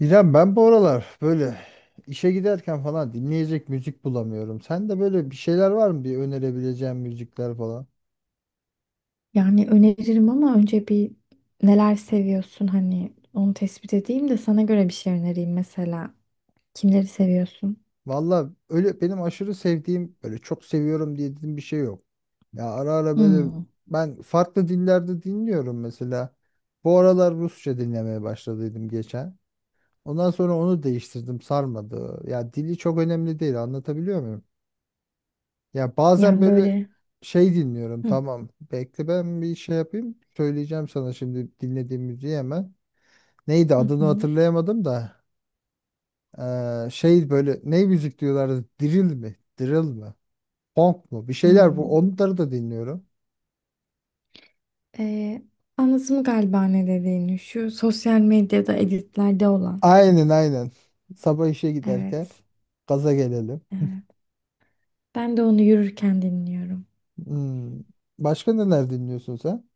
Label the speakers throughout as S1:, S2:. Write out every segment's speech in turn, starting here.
S1: İrem ben bu aralar böyle işe giderken falan dinleyecek müzik bulamıyorum. Sen de böyle bir şeyler var mı bir önerebileceğin müzikler falan?
S2: Yani öneririm ama önce bir neler seviyorsun hani onu tespit edeyim de sana göre bir şey önereyim mesela. Kimleri seviyorsun?
S1: Valla öyle benim aşırı sevdiğim böyle çok seviyorum diye dediğim bir şey yok. Ya ara ara böyle
S2: Hmm.
S1: ben farklı dillerde dinliyorum mesela. Bu aralar Rusça dinlemeye başladıydım geçen. Ondan sonra onu değiştirdim sarmadı. Ya dili çok önemli değil, anlatabiliyor. Ya bazen
S2: Yani
S1: böyle
S2: böyle
S1: şey dinliyorum.
S2: hı
S1: Tamam. Bekle ben bir şey yapayım. Söyleyeceğim sana şimdi dinlediğim müziği hemen. Neydi
S2: hı
S1: adını
S2: hı.
S1: hatırlayamadım da. Şey böyle ne müzik diyorlardı? Drill mi? Drill mi? Funk mu? Bir şeyler bu.
S2: Hmm.
S1: Onları da dinliyorum.
S2: Ee, Anladım galiba ne dediğini. Şu sosyal medyada editlerde olan.
S1: Aynen aynen. Sabah işe giderken
S2: Evet.
S1: gaza gelelim.
S2: Evet. Ben de onu yürürken dinliyorum.
S1: Hmm. Başka neler dinliyorsun sen?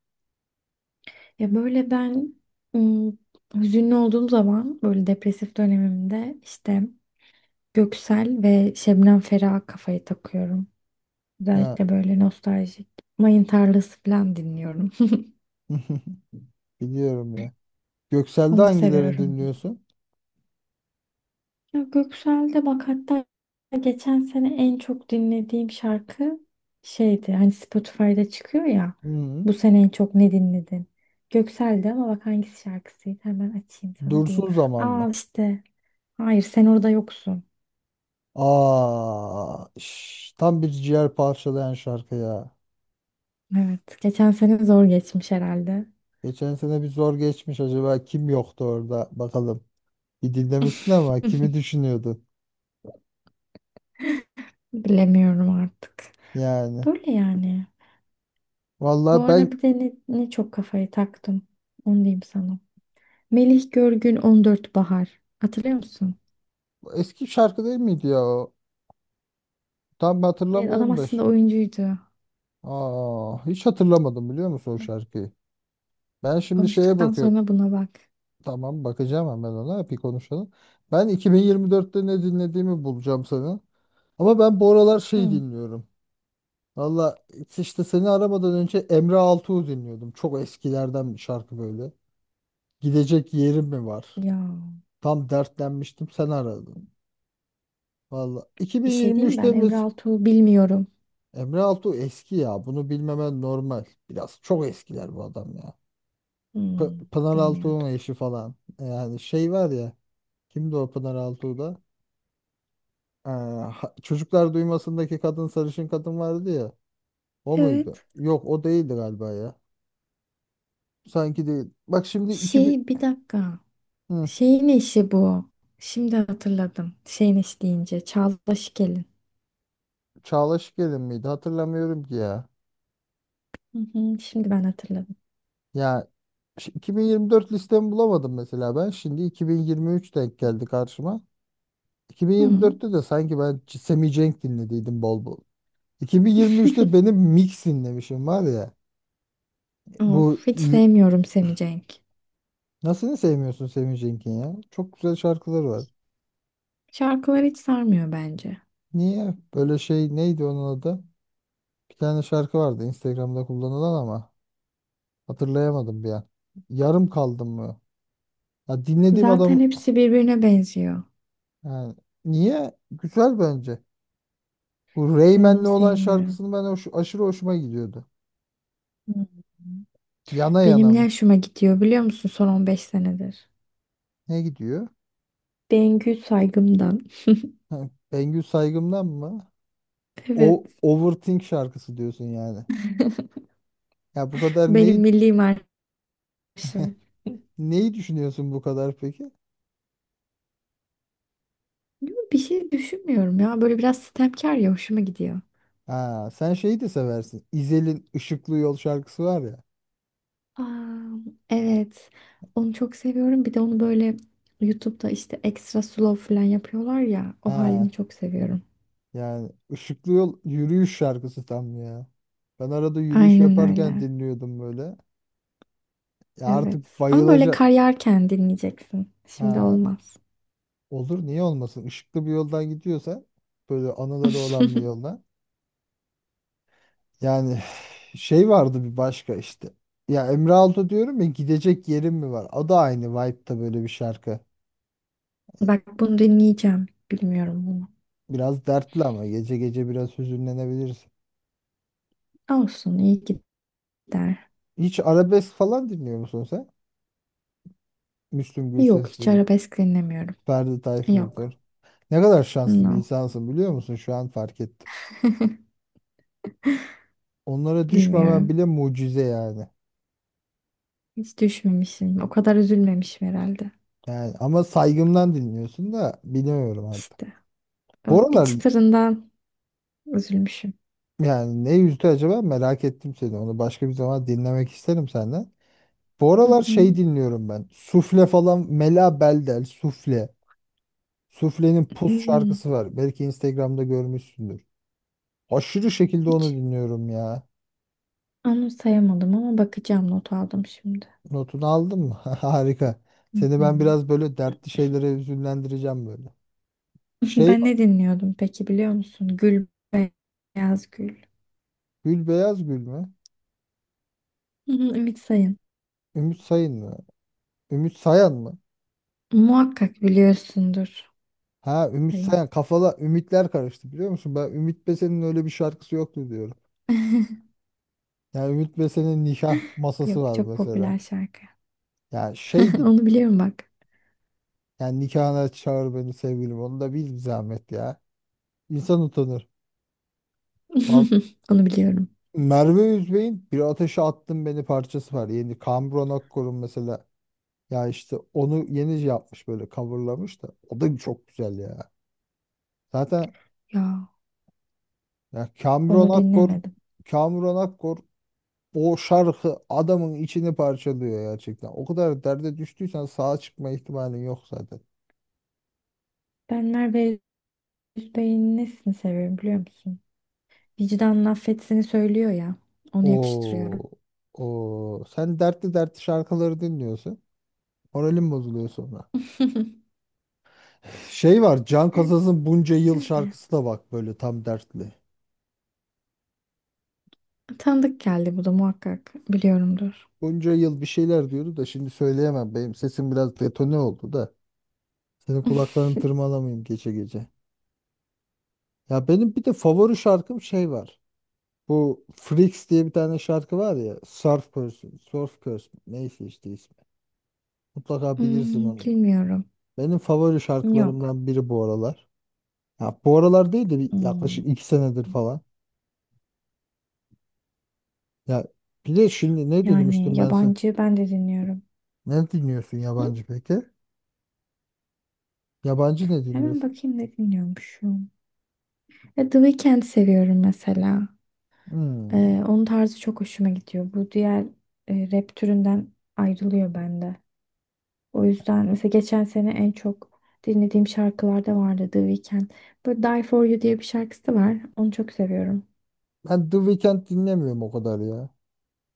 S2: Ya böyle ben hmm, hüzünlü olduğum zaman böyle depresif dönemimde işte Göksel ve Şebnem Ferah kafayı takıyorum.
S1: Ya
S2: Özellikle böyle nostaljik mayın tarlası falan dinliyorum.
S1: biliyorum ya. Göksel'de
S2: Onu
S1: hangilerini
S2: seviyorum.
S1: dinliyorsun?
S2: Ya Göksel'de bak hatta geçen sene en çok dinlediğim şarkı şeydi. Hani Spotify'da çıkıyor ya.
S1: Hmm.
S2: Bu sene en çok ne dinledin? Göksel'de ama bak hangisi şarkısıydı? Hemen açayım sana diyeyim.
S1: Dursun zaman
S2: Aa
S1: mı?
S2: işte. Hayır sen orada yoksun.
S1: Aa, şş, tam bir ciğer parçalayan şarkı ya.
S2: Evet. Geçen sene zor geçmiş herhalde.
S1: Geçen sene bir zor geçmiş, acaba kim yoktu orada bakalım. Bir dinlemişsin ama kimi düşünüyordun
S2: Bilemiyorum artık.
S1: yani.
S2: Böyle yani. Bu
S1: Vallahi
S2: ara
S1: ben,
S2: bir de ne çok kafayı taktım. Onu diyeyim sana. Melih Görgün 14 Bahar. Hatırlıyor musun?
S1: eski şarkı değil miydi ya o? Tam
S2: Evet, adam
S1: hatırlamıyorum da.
S2: aslında oyuncuydu.
S1: Aa, hiç hatırlamadım, biliyor musun o
S2: Bak,
S1: şarkıyı? Ben şimdi şeye
S2: konuştuktan
S1: bakıyorum.
S2: sonra buna bak.
S1: Tamam, bakacağım hemen ona, bir konuşalım. Ben 2024'te ne dinlediğimi bulacağım sana. Ama ben bu aralar şey
S2: Hı.
S1: dinliyorum. Valla, işte seni aramadan önce Emre Altuğ'u dinliyordum. Çok eskilerden bir şarkı böyle. Gidecek yerim mi var?
S2: Ya
S1: Tam dertlenmiştim, sen aradın. Valla
S2: bir şey diyeyim mi
S1: 2023'te
S2: ben
S1: mi?
S2: Emre Altuğ'u bilmiyorum.
S1: Emre Altuğ eski ya. Bunu bilmemen normal. Biraz çok eskiler bu adam ya.
S2: Hmm,
S1: Pınar Altuğ'un
S2: bilmiyordum.
S1: eşi falan. Yani şey var ya. Kimdi o Pınar Altuğ'da? Çocuklar Duymasındaki kadın, sarışın kadın vardı ya. O muydu?
S2: Evet.
S1: Yok, o değildi galiba ya. Sanki değil. Bak şimdi 2000...
S2: Şey bir dakika.
S1: Hı.
S2: Şeyin eşi bu. Şimdi hatırladım. Şeyin eşi deyince. Çağla Şikel'in.
S1: Çağlaş Gelin miydi? Hatırlamıyorum ki ya.
S2: Hı hı, şimdi ben hatırladım.
S1: Ya 2024 listemi bulamadım mesela ben. Şimdi 2023 denk geldi karşıma.
S2: Hı.
S1: 2024'te de sanki ben Semih Cenk dinlediydim bol bol. 2023'te benim mix dinlemişim var ya.
S2: Of,
S1: Bu
S2: hiç
S1: l-
S2: sevmiyorum Semih Cenk.
S1: nasıl ne sevmiyorsun Semih Cenk'in ya? Çok güzel şarkıları var.
S2: Şarkılar hiç sarmıyor bence.
S1: Niye? Böyle şey neydi onun adı? Bir tane şarkı vardı Instagram'da kullanılan ama hatırlayamadım bir an. Yarım kaldım mı? Ya dinlediğim
S2: Zaten
S1: adam.
S2: hepsi birbirine benziyor.
S1: Yani niye? Güzel bence. Bu
S2: Ben
S1: Rayman'le
S2: onu
S1: olan
S2: sevmiyorum.
S1: şarkısını ben hoş, aşırı hoşuma gidiyordu.
S2: Hmm.
S1: Yana
S2: Benim
S1: yana
S2: ne
S1: mı?
S2: hoşuma gidiyor biliyor musun son 15 senedir?
S1: Ne gidiyor?
S2: Bengü Saygım'dan.
S1: Ha, Bengü Saygım'dan mı?
S2: Evet.
S1: O Overthink şarkısı diyorsun yani. Ya bu kadar
S2: Benim
S1: neyi
S2: milli marşım.
S1: neyi düşünüyorsun bu kadar peki?
S2: Yo, bir şey düşünmüyorum ya. Böyle biraz sitemkar ya hoşuma gidiyor.
S1: Ha, sen şeyi de seversin. İzel'in Işıklı Yol şarkısı var ya.
S2: Aa, evet. Onu çok seviyorum. Bir de onu böyle YouTube'da işte ekstra slow falan yapıyorlar ya. O halini
S1: Ha,
S2: çok seviyorum.
S1: yani Işıklı Yol yürüyüş şarkısı tam ya. Ben arada yürüyüş
S2: Aynen
S1: yaparken
S2: öyle.
S1: dinliyordum böyle. Ya artık
S2: Evet. Ama böyle kar
S1: bayılacak.
S2: yağarken dinleyeceksin. Şimdi
S1: Ha,
S2: olmaz.
S1: olur, niye olmasın? Işıklı bir yoldan gidiyorsa, böyle anıları olan bir yoldan. Yani şey vardı bir başka işte. Ya Emre Altun diyorum ya, gidecek yerim mi var? O da aynı vibe'da böyle bir şarkı.
S2: Bak bunu dinleyeceğim. Bilmiyorum bunu.
S1: Biraz dertli ama gece gece biraz hüzünlenebilirsin.
S2: Olsun iyi gider.
S1: Hiç arabesk falan dinliyor musun sen? Müslüm
S2: Yok hiç
S1: Gürses'tir,
S2: arabesk dinlemiyorum.
S1: Ferdi Tayfur'dur.
S2: Yok.
S1: Ne kadar şanslı bir
S2: No.
S1: insansın biliyor musun? Şu an fark ettim. Onlara düşmemen
S2: Bilmiyorum.
S1: bile mucize yani.
S2: Hiç düşmemişim. O kadar üzülmemişim herhalde.
S1: Yani ama saygımdan dinliyorsun da bilmiyorum artık.
S2: İşte o
S1: Bu
S2: bir
S1: aralar.
S2: çıtırından üzülmüşüm.
S1: Yani ne yüzdü acaba, merak ettim seni. Onu başka bir zaman dinlemek isterim senden. Bu
S2: Hı
S1: aralar
S2: hı.
S1: şey dinliyorum ben. Sufle falan, Mela Beldel Sufle. Sufle'nin Pus
S2: Hmm.
S1: şarkısı var. Belki Instagram'da görmüşsündür. Aşırı şekilde onu
S2: Hiç
S1: dinliyorum ya.
S2: anımsayamadım ama bakacağım. Not aldım şimdi.
S1: Notunu aldın mı? Harika.
S2: Hı
S1: Seni ben
S2: hı.
S1: biraz böyle dertli şeylere üzünlendireceğim böyle. Şey,
S2: Ben ne dinliyordum peki biliyor musun? Gül Beyaz Gül.
S1: Gül Beyaz Gül mü?
S2: Hı hı, Ümit Sayın.
S1: Ümit Sayın mı? Ümit Sayan mı?
S2: Muhakkak biliyorsundur
S1: Ha, Ümit
S2: Sayın.
S1: Sayan, kafala ümitler karıştı biliyor musun? Ben Ümit Besen'in öyle bir şarkısı yoktu diyorum. Yani Ümit Besen'in nikah masası
S2: Yok
S1: var
S2: çok
S1: mesela.
S2: popüler şarkı.
S1: Yani şeydi.
S2: Onu biliyorum bak.
S1: Yani, nikahına çağır beni sevgilim. Onu da bil bir zahmet ya. İnsan utanır. Val-
S2: Onu biliyorum.
S1: Merve Üzbey'in Bir Ateşe Attın Beni parçası var. Yeni Kambron Akkor'un mesela. Ya işte onu yeni şey yapmış, böyle coverlamış da. O da çok güzel ya. Zaten,
S2: Ya
S1: ya Kamron
S2: onu
S1: Akkor,
S2: dinlemedim.
S1: Kamuran Akkor, o şarkı adamın içini parçalıyor gerçekten. O kadar derde düştüysen sağa çıkma ihtimalin yok zaten.
S2: Ben Merve Özbey'in nesini seviyorum biliyor musun? Vicdanın affetsini söylüyor ya. Onu yakıştırıyorum.
S1: Oo, oo. Sen dertli dertli şarkıları dinliyorsun. Moralim bozuluyor sonra. Şey var, Can Kazaz'ın Bunca Yıl
S2: Öyle.
S1: şarkısı da bak böyle tam dertli.
S2: Tanıdık geldi bu da muhakkak biliyorumdur.
S1: Bunca yıl bir şeyler diyordu da şimdi söyleyemem. Benim sesim biraz detone oldu da. Senin kulaklarını tırmalamayayım gece gece. Ya benim bir de favori şarkım şey var. Bu Freaks diye bir tane şarkı var ya. Surf Person, Surf Curse, neyse işte ismi. Mutlaka bilirsin
S2: Hmm,
S1: onu.
S2: bilmiyorum.
S1: Benim favori
S2: Yok.
S1: şarkılarımdan biri bu aralar. Ya bu aralar değil de bir
S2: Hmm,
S1: yaklaşık iki senedir falan. Ya bir de şimdi ne demiştim
S2: Yani
S1: ben sana?
S2: yabancı ben de dinliyorum.
S1: Ne dinliyorsun
S2: Hı?
S1: yabancı peki? Yabancı ne
S2: Hemen
S1: dinliyorsun?
S2: bakayım ne dinliyormuşum. Ya The Weeknd seviyorum mesela. Ee,
S1: Hmm.
S2: Onun tarzı çok hoşuma gidiyor. Bu diğer rap türünden ayrılıyor bende. O yüzden mesela geçen sene en çok dinlediğim şarkılarda vardı The Weeknd. Böyle Die For You diye bir şarkısı da var. Onu çok seviyorum.
S1: Ben The Weeknd dinlemiyorum o kadar ya.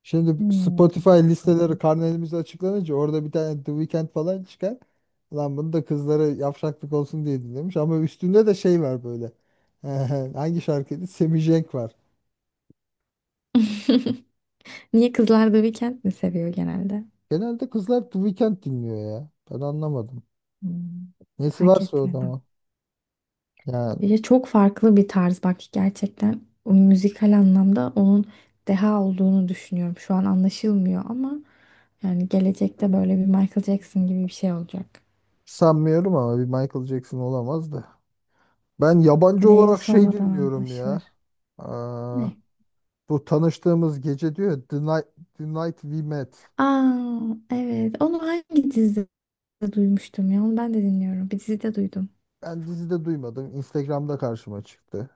S1: Şimdi
S2: Hmm.
S1: Spotify listeleri karnelimiz açıklanınca orada bir tane The Weeknd falan çıkar. Lan bunu da kızlara yavşaklık olsun diye dinlemiş ama üstünde de şey var böyle. Hangi şarkıydı? Semih Cenk var.
S2: Niye kızlar The Weeknd mi seviyor genelde?
S1: Genelde kızlar The Weeknd dinliyor ya. Ben anlamadım.
S2: Hmm,
S1: Nesi
S2: Fark
S1: varsa o da
S2: etmedim.
S1: ama. Ya,
S2: Ya çok farklı bir tarz bak gerçekten o müzikal anlamda onun deha olduğunu düşünüyorum. Şu an anlaşılmıyor ama yani gelecekte böyle bir Michael Jackson gibi bir şey olacak.
S1: sanmıyorum ama bir Michael Jackson olamaz da. Ben yabancı
S2: Değeri
S1: olarak şey
S2: sonradan
S1: dinliyorum ya.
S2: anlaşılır.
S1: Aa,
S2: Ne?
S1: bu tanıştığımız gece diyor ya, The Night, The Night We Met.
S2: Aa evet onu hangi dizide duymuştum ya onu ben de dinliyorum. Bir dizide duydum.
S1: Ben dizide duymadım. Instagram'da karşıma çıktı.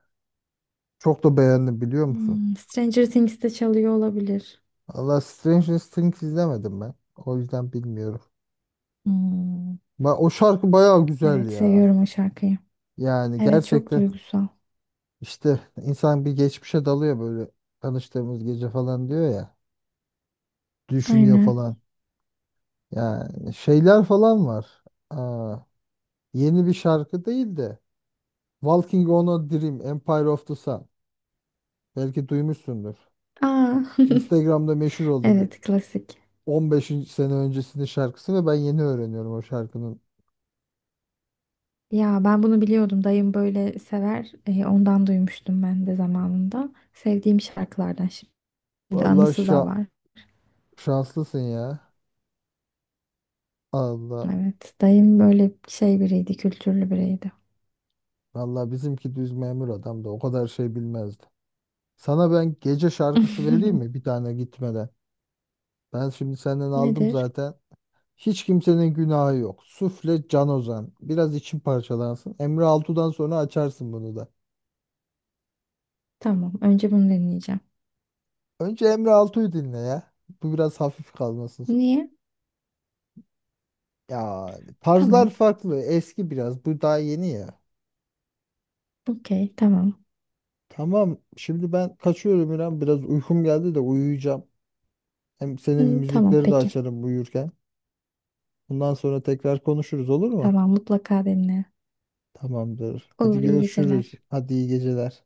S1: Çok da beğendim biliyor musun?
S2: Stranger Things'te çalıyor olabilir.
S1: Allah, Stranger Things izlemedim ben. O yüzden bilmiyorum.
S2: Hmm,
S1: O şarkı bayağı güzel
S2: evet
S1: ya.
S2: seviyorum o şarkıyı.
S1: Yani
S2: Evet çok
S1: gerçekten
S2: duygusal.
S1: işte insan bir geçmişe dalıyor böyle, tanıştığımız gece falan diyor ya. Düşünüyor
S2: Aynen.
S1: falan. Yani şeyler falan var. Aa, yeni bir şarkı değil de Walking on a Dream, Empire of the Sun. Belki duymuşsundur.
S2: Aa
S1: Instagram'da meşhur oldu, bir
S2: evet klasik.
S1: 15 sene öncesinin şarkısı ve ben yeni öğreniyorum o şarkının.
S2: Ya ben bunu biliyordum. Dayım böyle sever. E, ondan duymuştum ben de zamanında. Sevdiğim şarkılardan şimdi
S1: Vallahi
S2: anısı da var.
S1: şanslısın ya. Allah.
S2: Evet. Dayım böyle şey biriydi, kültürlü biriydi.
S1: Vallahi bizimki düz memur adam, da o kadar şey bilmezdi. Sana ben gece şarkısı vereyim mi bir tane gitmeden? Ben şimdi senden aldım
S2: Nedir?
S1: zaten. Hiç kimsenin günahı yok. Sufle, Can Ozan. Biraz için parçalansın. Emre Altu'dan sonra açarsın bunu da.
S2: Tamam. Önce bunu deneyeceğim.
S1: Önce Emre Altu'yu dinle ya. Bu biraz hafif kalmasın.
S2: Niye?
S1: Ya tarzlar
S2: Tamam.
S1: farklı. Eski biraz. Bu daha yeni ya.
S2: Okey. Tamam.
S1: Tamam. Şimdi ben kaçıyorum İrem. Biraz uykum geldi de uyuyacağım. Hem senin
S2: Hı, tamam.
S1: müzikleri de
S2: Peki.
S1: açarım uyurken. Bundan sonra tekrar konuşuruz olur mu?
S2: Tamam. Mutlaka dinle.
S1: Tamamdır. Hadi
S2: Olur. iyi
S1: görüşürüz.
S2: geceler.
S1: Hadi iyi geceler.